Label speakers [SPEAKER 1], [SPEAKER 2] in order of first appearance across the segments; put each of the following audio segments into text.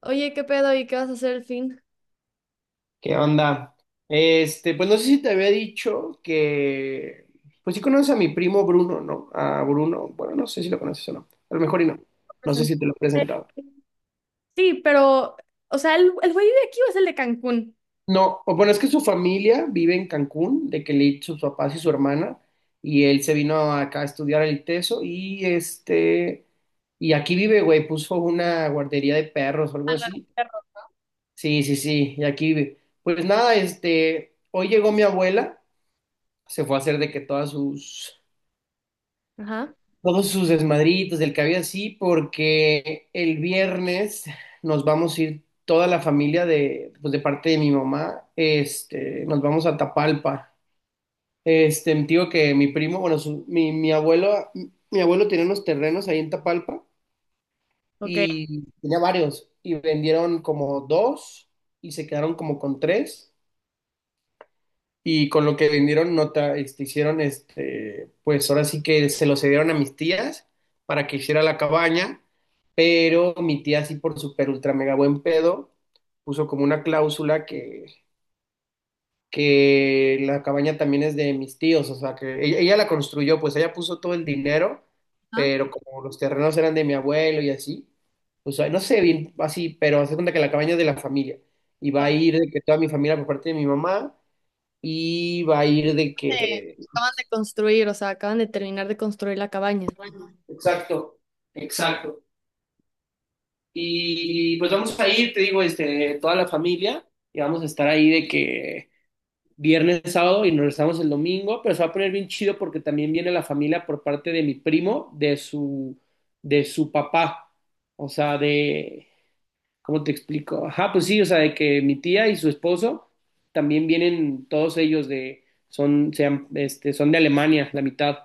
[SPEAKER 1] Oye, ¿qué pedo? ¿Y qué vas a hacer el fin?
[SPEAKER 2] ¿Qué onda? Este, pues no sé si te había dicho que, pues sí conoces a mi primo Bruno, ¿no? A Bruno, bueno, no sé si lo conoces o no, a lo mejor y no, no sé
[SPEAKER 1] Presentó.
[SPEAKER 2] si te lo he presentado.
[SPEAKER 1] Sí, pero, o sea, ¿el güey de aquí o es el de Cancún?
[SPEAKER 2] No, o bueno, es que su familia vive en Cancún, de que le sus papás y su hermana, y él se vino acá a estudiar el ITESO, y este, y aquí vive, güey, puso una guardería de perros o algo así. Sí, sí, sí, y aquí vive. Pues nada, este, hoy llegó mi abuela, se fue a hacer de que todas sus
[SPEAKER 1] Ajá.
[SPEAKER 2] todos sus desmadritos del que había así, porque el viernes nos vamos a ir toda la familia de, pues de parte de mi mamá, este, nos vamos a Tapalpa. Este, digo que mi primo, bueno, su- mi abuelo, mi abuelo tenía unos terrenos ahí en Tapalpa
[SPEAKER 1] Ok.
[SPEAKER 2] y tenía varios y vendieron como dos y se quedaron como con tres, y con lo que vendieron nota, este, hicieron este, pues ahora sí que se lo cedieron a mis tías para que hiciera la cabaña, pero mi tía así por super ultra mega buen pedo puso como una cláusula que la cabaña también es de mis tíos, o sea que ella la construyó, pues ella puso todo el dinero,
[SPEAKER 1] Ajá.
[SPEAKER 2] pero como los terrenos eran de mi abuelo y así, o sea, no sé bien así, pero hace cuenta que la cabaña es de la familia y va a
[SPEAKER 1] Ahorita
[SPEAKER 2] ir de que toda mi familia por parte de mi mamá y va a ir de
[SPEAKER 1] de-
[SPEAKER 2] que...
[SPEAKER 1] acaban de construir, o sea, acaban de terminar de construir la cabaña.
[SPEAKER 2] Exacto, exacto. Y pues vamos a ir, te digo, este, toda la familia y vamos a estar ahí de que viernes, sábado y nos regresamos el domingo, pero se va a poner bien chido porque también viene la familia por parte de mi primo, de su papá, o sea, de, ¿cómo te explico? Ajá, pues sí, o sea, de que mi tía y su esposo también vienen, todos ellos de, son, sean, este, son de Alemania, la mitad,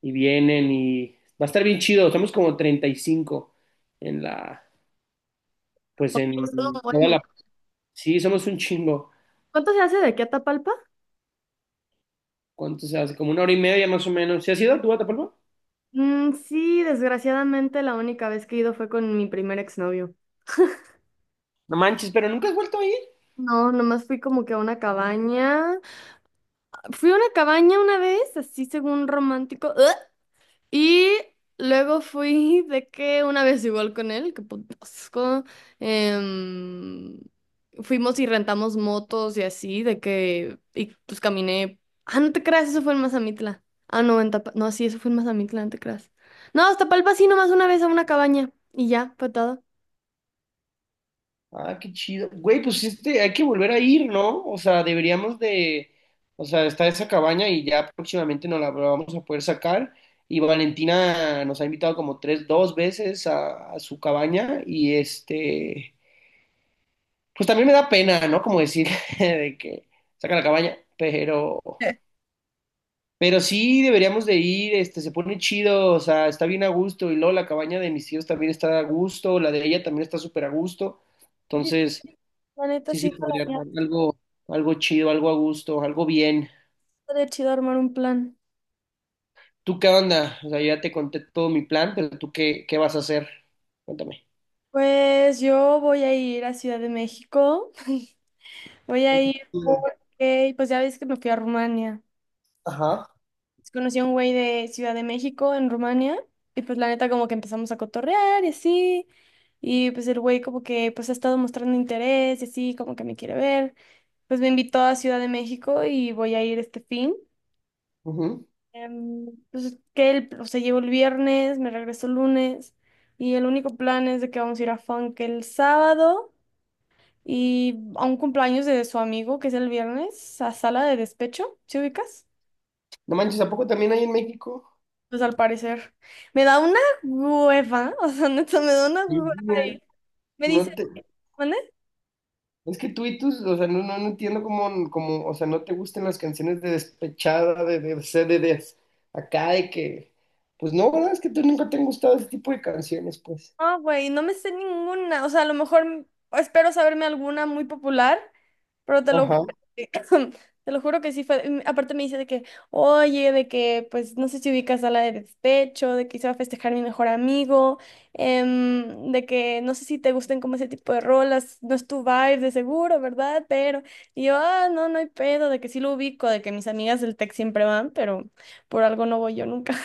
[SPEAKER 2] y vienen y va a estar bien chido, somos como 35 en la, pues
[SPEAKER 1] Oye, estuvo un
[SPEAKER 2] en toda
[SPEAKER 1] buen-
[SPEAKER 2] la, sí, somos un chingo.
[SPEAKER 1] ¿Cuánto se hace de aquí a Tapalpa?
[SPEAKER 2] ¿Cuánto se hace? Como una hora y media más o menos. ¿Se has ido tú a Tapalpa?
[SPEAKER 1] Mm, sí, desgraciadamente la única vez que he ido fue con mi primer exnovio.
[SPEAKER 2] No manches, pero nunca has vuelto a ir.
[SPEAKER 1] No, nomás fui como que a una cabaña. Fui a una cabaña una vez, así según romántico. ¡Ugh! Y luego fui de que una vez igual con él, que potasco, em, fuimos y rentamos motos y así, de que, y pues caminé. Ah, no te creas, eso fue en Mazamitla. Ah, no, en Tapa, no, sí, eso fue en Mazamitla, no te creas. No, hasta Palpa sí, nomás una vez a una cabaña y ya, patada.
[SPEAKER 2] Ah, qué chido. Güey, pues sí, este, hay que volver a ir, ¿no? O sea, deberíamos de, o sea, está esa cabaña y ya próximamente nos la vamos a poder sacar. Y Valentina nos ha invitado como tres, dos veces a su cabaña y este, pues también me da pena, ¿no? Como decir de que saca la cabaña, pero sí deberíamos de ir, este, se pone chido, o sea, está bien a gusto y luego la cabaña de mis tíos también está a gusto, la de ella también está súper a gusto.
[SPEAKER 1] Sí,
[SPEAKER 2] Entonces...
[SPEAKER 1] la neta
[SPEAKER 2] Sí, sí,
[SPEAKER 1] sí, para
[SPEAKER 2] podría
[SPEAKER 1] mí
[SPEAKER 2] armar algo, algo chido, algo a gusto, algo bien.
[SPEAKER 1] estaría chido armar un plan.
[SPEAKER 2] ¿Tú qué onda? O sea, yo ya te conté todo mi plan, pero ¿tú qué, qué vas a hacer? Cuéntame.
[SPEAKER 1] Pues yo voy a ir a Ciudad de México. Voy a ir porque, pues ya ves que me fui a Rumania.
[SPEAKER 2] Ajá.
[SPEAKER 1] Conocí a un güey de Ciudad de México, en Rumania, y pues la neta como que empezamos a cotorrear y así, y pues el güey como que pues ha estado mostrando interés y así, como que me quiere ver, pues me invitó a Ciudad de México y voy a ir este fin.
[SPEAKER 2] Ujú.
[SPEAKER 1] Em, pues que él, o sea, llegó el viernes, me regreso el lunes, y el único plan es de que vamos a ir a Funk el sábado y a un cumpleaños de su amigo, que es el viernes, a sala de despecho, ¿sí ubicas?
[SPEAKER 2] No manches, ¿a poco también hay en México?
[SPEAKER 1] Pues al parecer. Me da una hueva, o sea, neta, me da una
[SPEAKER 2] Sí,
[SPEAKER 1] hueva. Ir.
[SPEAKER 2] miren.
[SPEAKER 1] Me dice,
[SPEAKER 2] No te,
[SPEAKER 1] ¿mande?
[SPEAKER 2] es que tú y tus, o sea, no, no, no entiendo cómo, cómo, o sea, no te gustan las canciones de despechada, de- acá, de que, pues no, ¿verdad? Es que tú nunca te han gustado ese tipo de canciones, pues.
[SPEAKER 1] No, güey, no me sé ninguna. O sea, a lo mejor m- espero saberme alguna muy popular, pero te lo juro
[SPEAKER 2] Ajá.
[SPEAKER 1] que, te lo juro que sí fue. Aparte me dice de que, oye, de que, pues, no sé si ubicas a la de despecho, de que se va a festejar mi mejor amigo, de que no sé si te gusten como ese tipo de rolas, no es tu vibe de seguro, ¿verdad? Pero, y yo, ah, no, no hay pedo, de que sí lo ubico, de que mis amigas del tech siempre van, pero por algo no voy yo nunca.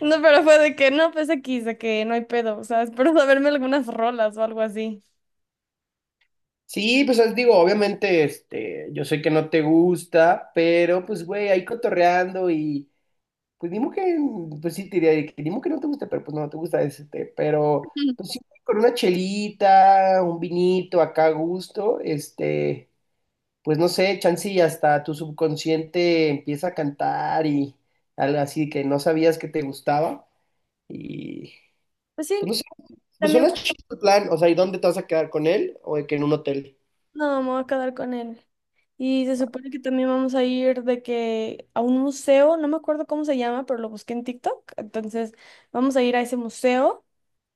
[SPEAKER 1] No, pero fue de que no, pues X, de que no hay pedo, o sea, espero saberme algunas rolas o algo así.
[SPEAKER 2] Sí, pues os digo, obviamente, este, yo sé que no te gusta, pero pues güey, ahí cotorreando y pues dimo que, pues sí, te diría de que dimo que no te gusta, pero pues no te gusta este, pero pues
[SPEAKER 1] Ujú.
[SPEAKER 2] sí, con una chelita, un vinito acá a gusto, este, pues no sé, chance y hasta tu subconsciente empieza a cantar y algo así que no sabías que te gustaba y
[SPEAKER 1] Pues sí,
[SPEAKER 2] pues no sé, pues
[SPEAKER 1] también
[SPEAKER 2] suena chido el plan, o sea, ¿y dónde te vas a quedar con él o de que en un hotel?
[SPEAKER 1] no, me voy a quedar con él. Y se supone que también vamos a ir de que a un museo, no me acuerdo cómo se llama, pero lo busqué en TikTok. Entonces, vamos a ir a ese museo.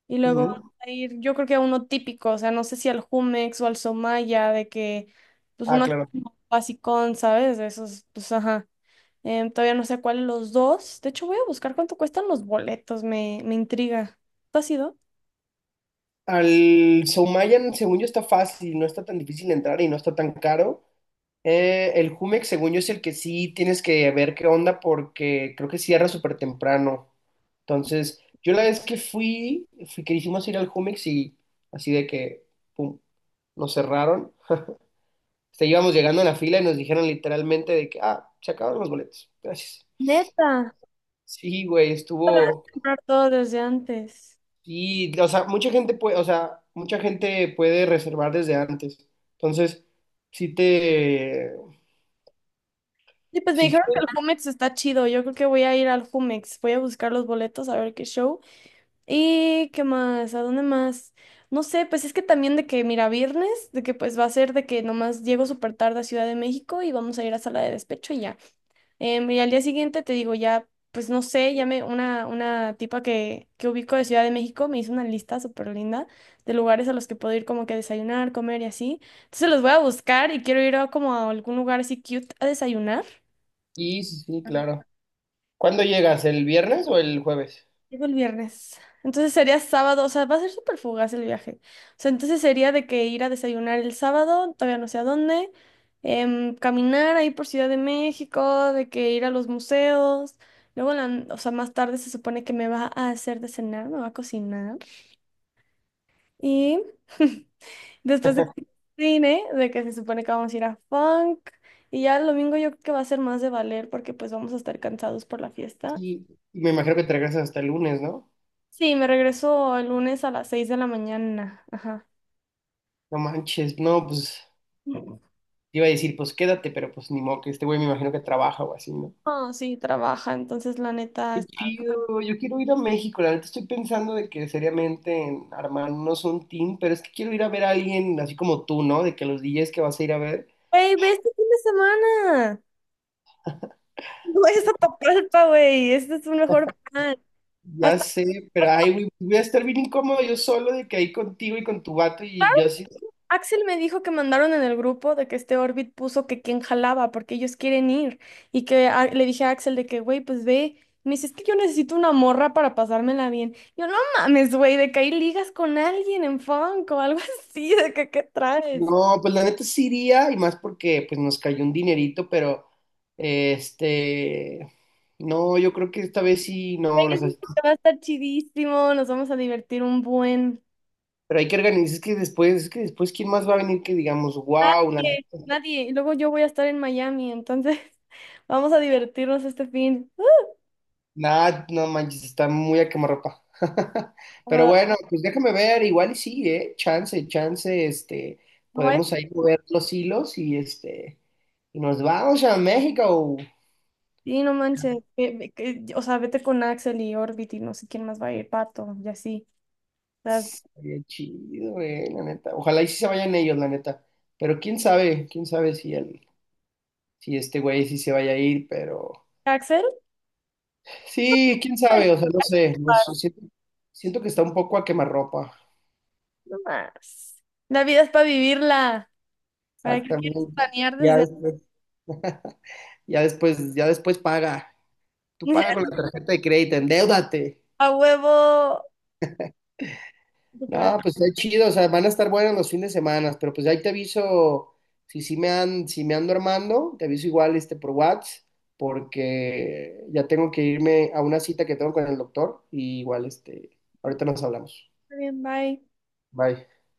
[SPEAKER 1] Y luego vamos
[SPEAKER 2] Ujú.
[SPEAKER 1] a ir, yo creo que a uno típico, o sea, no sé si al Jumex o al Somaya, de que, pues
[SPEAKER 2] Ah,
[SPEAKER 1] uno así
[SPEAKER 2] claro.
[SPEAKER 1] como basicón, ¿sabes? De esos, pues ajá. Todavía no sé cuáles los dos. De hecho, voy a buscar cuánto cuestan los boletos, me intriga. ¿Tú has ido?
[SPEAKER 2] Al Soumayan, según yo, está fácil, no está tan difícil entrar y no está tan caro. El Jumex, según yo, es el que sí tienes que ver qué onda porque creo que cierra súper temprano. Entonces, yo la vez que fui, fui que hicimos ir al Jumex y así de que, pum, nos cerraron. O sea, íbamos llegando en la fila y nos dijeron literalmente de que, ah, se acabaron los boletos. Gracias.
[SPEAKER 1] Neta.
[SPEAKER 2] Sí, güey, estuvo.
[SPEAKER 1] Comprar todo desde antes.
[SPEAKER 2] Y, o sea, mucha gente puede, o sea, mucha gente puede reservar desde antes. Entonces, sí te,
[SPEAKER 1] Sí, pues me
[SPEAKER 2] sí,
[SPEAKER 1] dijeron que el Jumex está chido. Yo creo que voy a ir al Jumex. Voy a buscar los boletos a ver qué show. ¿Y qué más? ¿A dónde más? No sé, pues es que también de que, mira, viernes, de que pues va a ser de que nomás llego súper tarde a Ciudad de México y vamos a ir a sala de despecho y ya. Y al día siguiente te digo, ya, pues no sé, ya me, una tipa que ubico de Ciudad de México me hizo una lista súper linda de lugares a los que puedo ir como que a desayunar, comer y así. Entonces los voy a buscar y quiero ir a como a algún lugar así cute a desayunar.
[SPEAKER 2] sí, sí, sí, claro. ¿Cuándo llegas? ¿El viernes o el jueves?
[SPEAKER 1] Llego el viernes. Entonces sería sábado, o sea, va a ser súper fugaz el viaje. O sea, entonces sería de que ir a desayunar el sábado, todavía no sé a dónde, caminar ahí por Ciudad de México, de que ir a los museos. Luego, en la n- o sea, más tarde se supone que me va a hacer de cenar, me va a cocinar. Y después de que cine, de que se supone que vamos a ir a funk. Y ya el domingo yo creo que va a ser más de valer porque pues vamos a estar cansados por la fiesta.
[SPEAKER 2] Sí, y me imagino que te regresas hasta el lunes, ¿no?
[SPEAKER 1] Sí, me regreso el lunes a las 6:00 de la mañana. Ajá.
[SPEAKER 2] No manches, no, pues, te iba a decir, pues quédate, pero pues ni modo que este güey me imagino que trabaja o así, ¿no?
[SPEAKER 1] Ah, sí, trabaja, entonces la neta
[SPEAKER 2] Qué
[SPEAKER 1] está.
[SPEAKER 2] chido, yo quiero ir a México, la neta estoy pensando de que seriamente en armarnos un team, pero es que quiero ir a ver a alguien así como tú, ¿no? De que los DJs que vas a ir a ver.
[SPEAKER 1] Wey, ve este fin de semana. No es a Tapalpa, güey. Este es un mejor plan.
[SPEAKER 2] Ya
[SPEAKER 1] Hasta,
[SPEAKER 2] sé, pero
[SPEAKER 1] hasta
[SPEAKER 2] ay, güey, voy a estar bien incómodo yo solo de que ahí contigo y con tu vato y yo así.
[SPEAKER 1] Axel me dijo que mandaron en el grupo de que este Orbit puso que quién jalaba porque ellos quieren ir. Y que a- le dije a Axel de que, güey, pues ve. Me dice, es que yo necesito una morra para pasármela bien. Yo, no mames, güey, de que ahí ligas con alguien en funk o algo así, de que qué traes.
[SPEAKER 2] No, pues la neta sí iría y más porque pues nos cayó un dinerito, pero este, no, yo creo que esta vez sí, no,
[SPEAKER 1] Yo
[SPEAKER 2] las,
[SPEAKER 1] siento que va a estar chidísimo, nos vamos a divertir un buen.
[SPEAKER 2] pero hay que organizar, es que después, ¿quién más va a venir que digamos, wow?
[SPEAKER 1] Nadie, nadie. Y luego yo voy a estar en Miami, entonces vamos a divertirnos este fin.
[SPEAKER 2] Nah, no manches, está muy a quemarropa. Pero
[SPEAKER 1] Ah,
[SPEAKER 2] bueno, pues déjame ver, igual y sí, chance, chance, este,
[SPEAKER 1] no vaya-
[SPEAKER 2] podemos ahí mover los hilos y este, y nos vamos a México.
[SPEAKER 1] Sí, no manches. Que- o sea, vete con Axel y Orbit y no sé quién más va a ir, Pato, y así. Las-
[SPEAKER 2] Sería chido, la neta. Ojalá y sí se vayan ellos, la neta. Pero quién sabe si el, si este güey sí se vaya a ir, pero
[SPEAKER 1] Axel,
[SPEAKER 2] sí, quién sabe, o sea, no sé, no sé, siento, siento que está un poco a quemarropa.
[SPEAKER 1] no más. La vida es para vivirla. ¿Para qué quieres
[SPEAKER 2] Exactamente.
[SPEAKER 1] planear
[SPEAKER 2] Ya
[SPEAKER 1] desde
[SPEAKER 2] después, ya después paga. Tú paga con la tarjeta de crédito, endeúdate.
[SPEAKER 1] a huevo? ¿Tú crees?
[SPEAKER 2] No, pues está chido, o sea, van a estar buenos los fines de semana, pero pues ahí te aviso, si sí me han, si me ando armando, te aviso igual este por WhatsApp, porque ya tengo que irme a una cita que tengo con el doctor, y igual este, ahorita nos hablamos.
[SPEAKER 1] Está bien, bye.
[SPEAKER 2] Bye.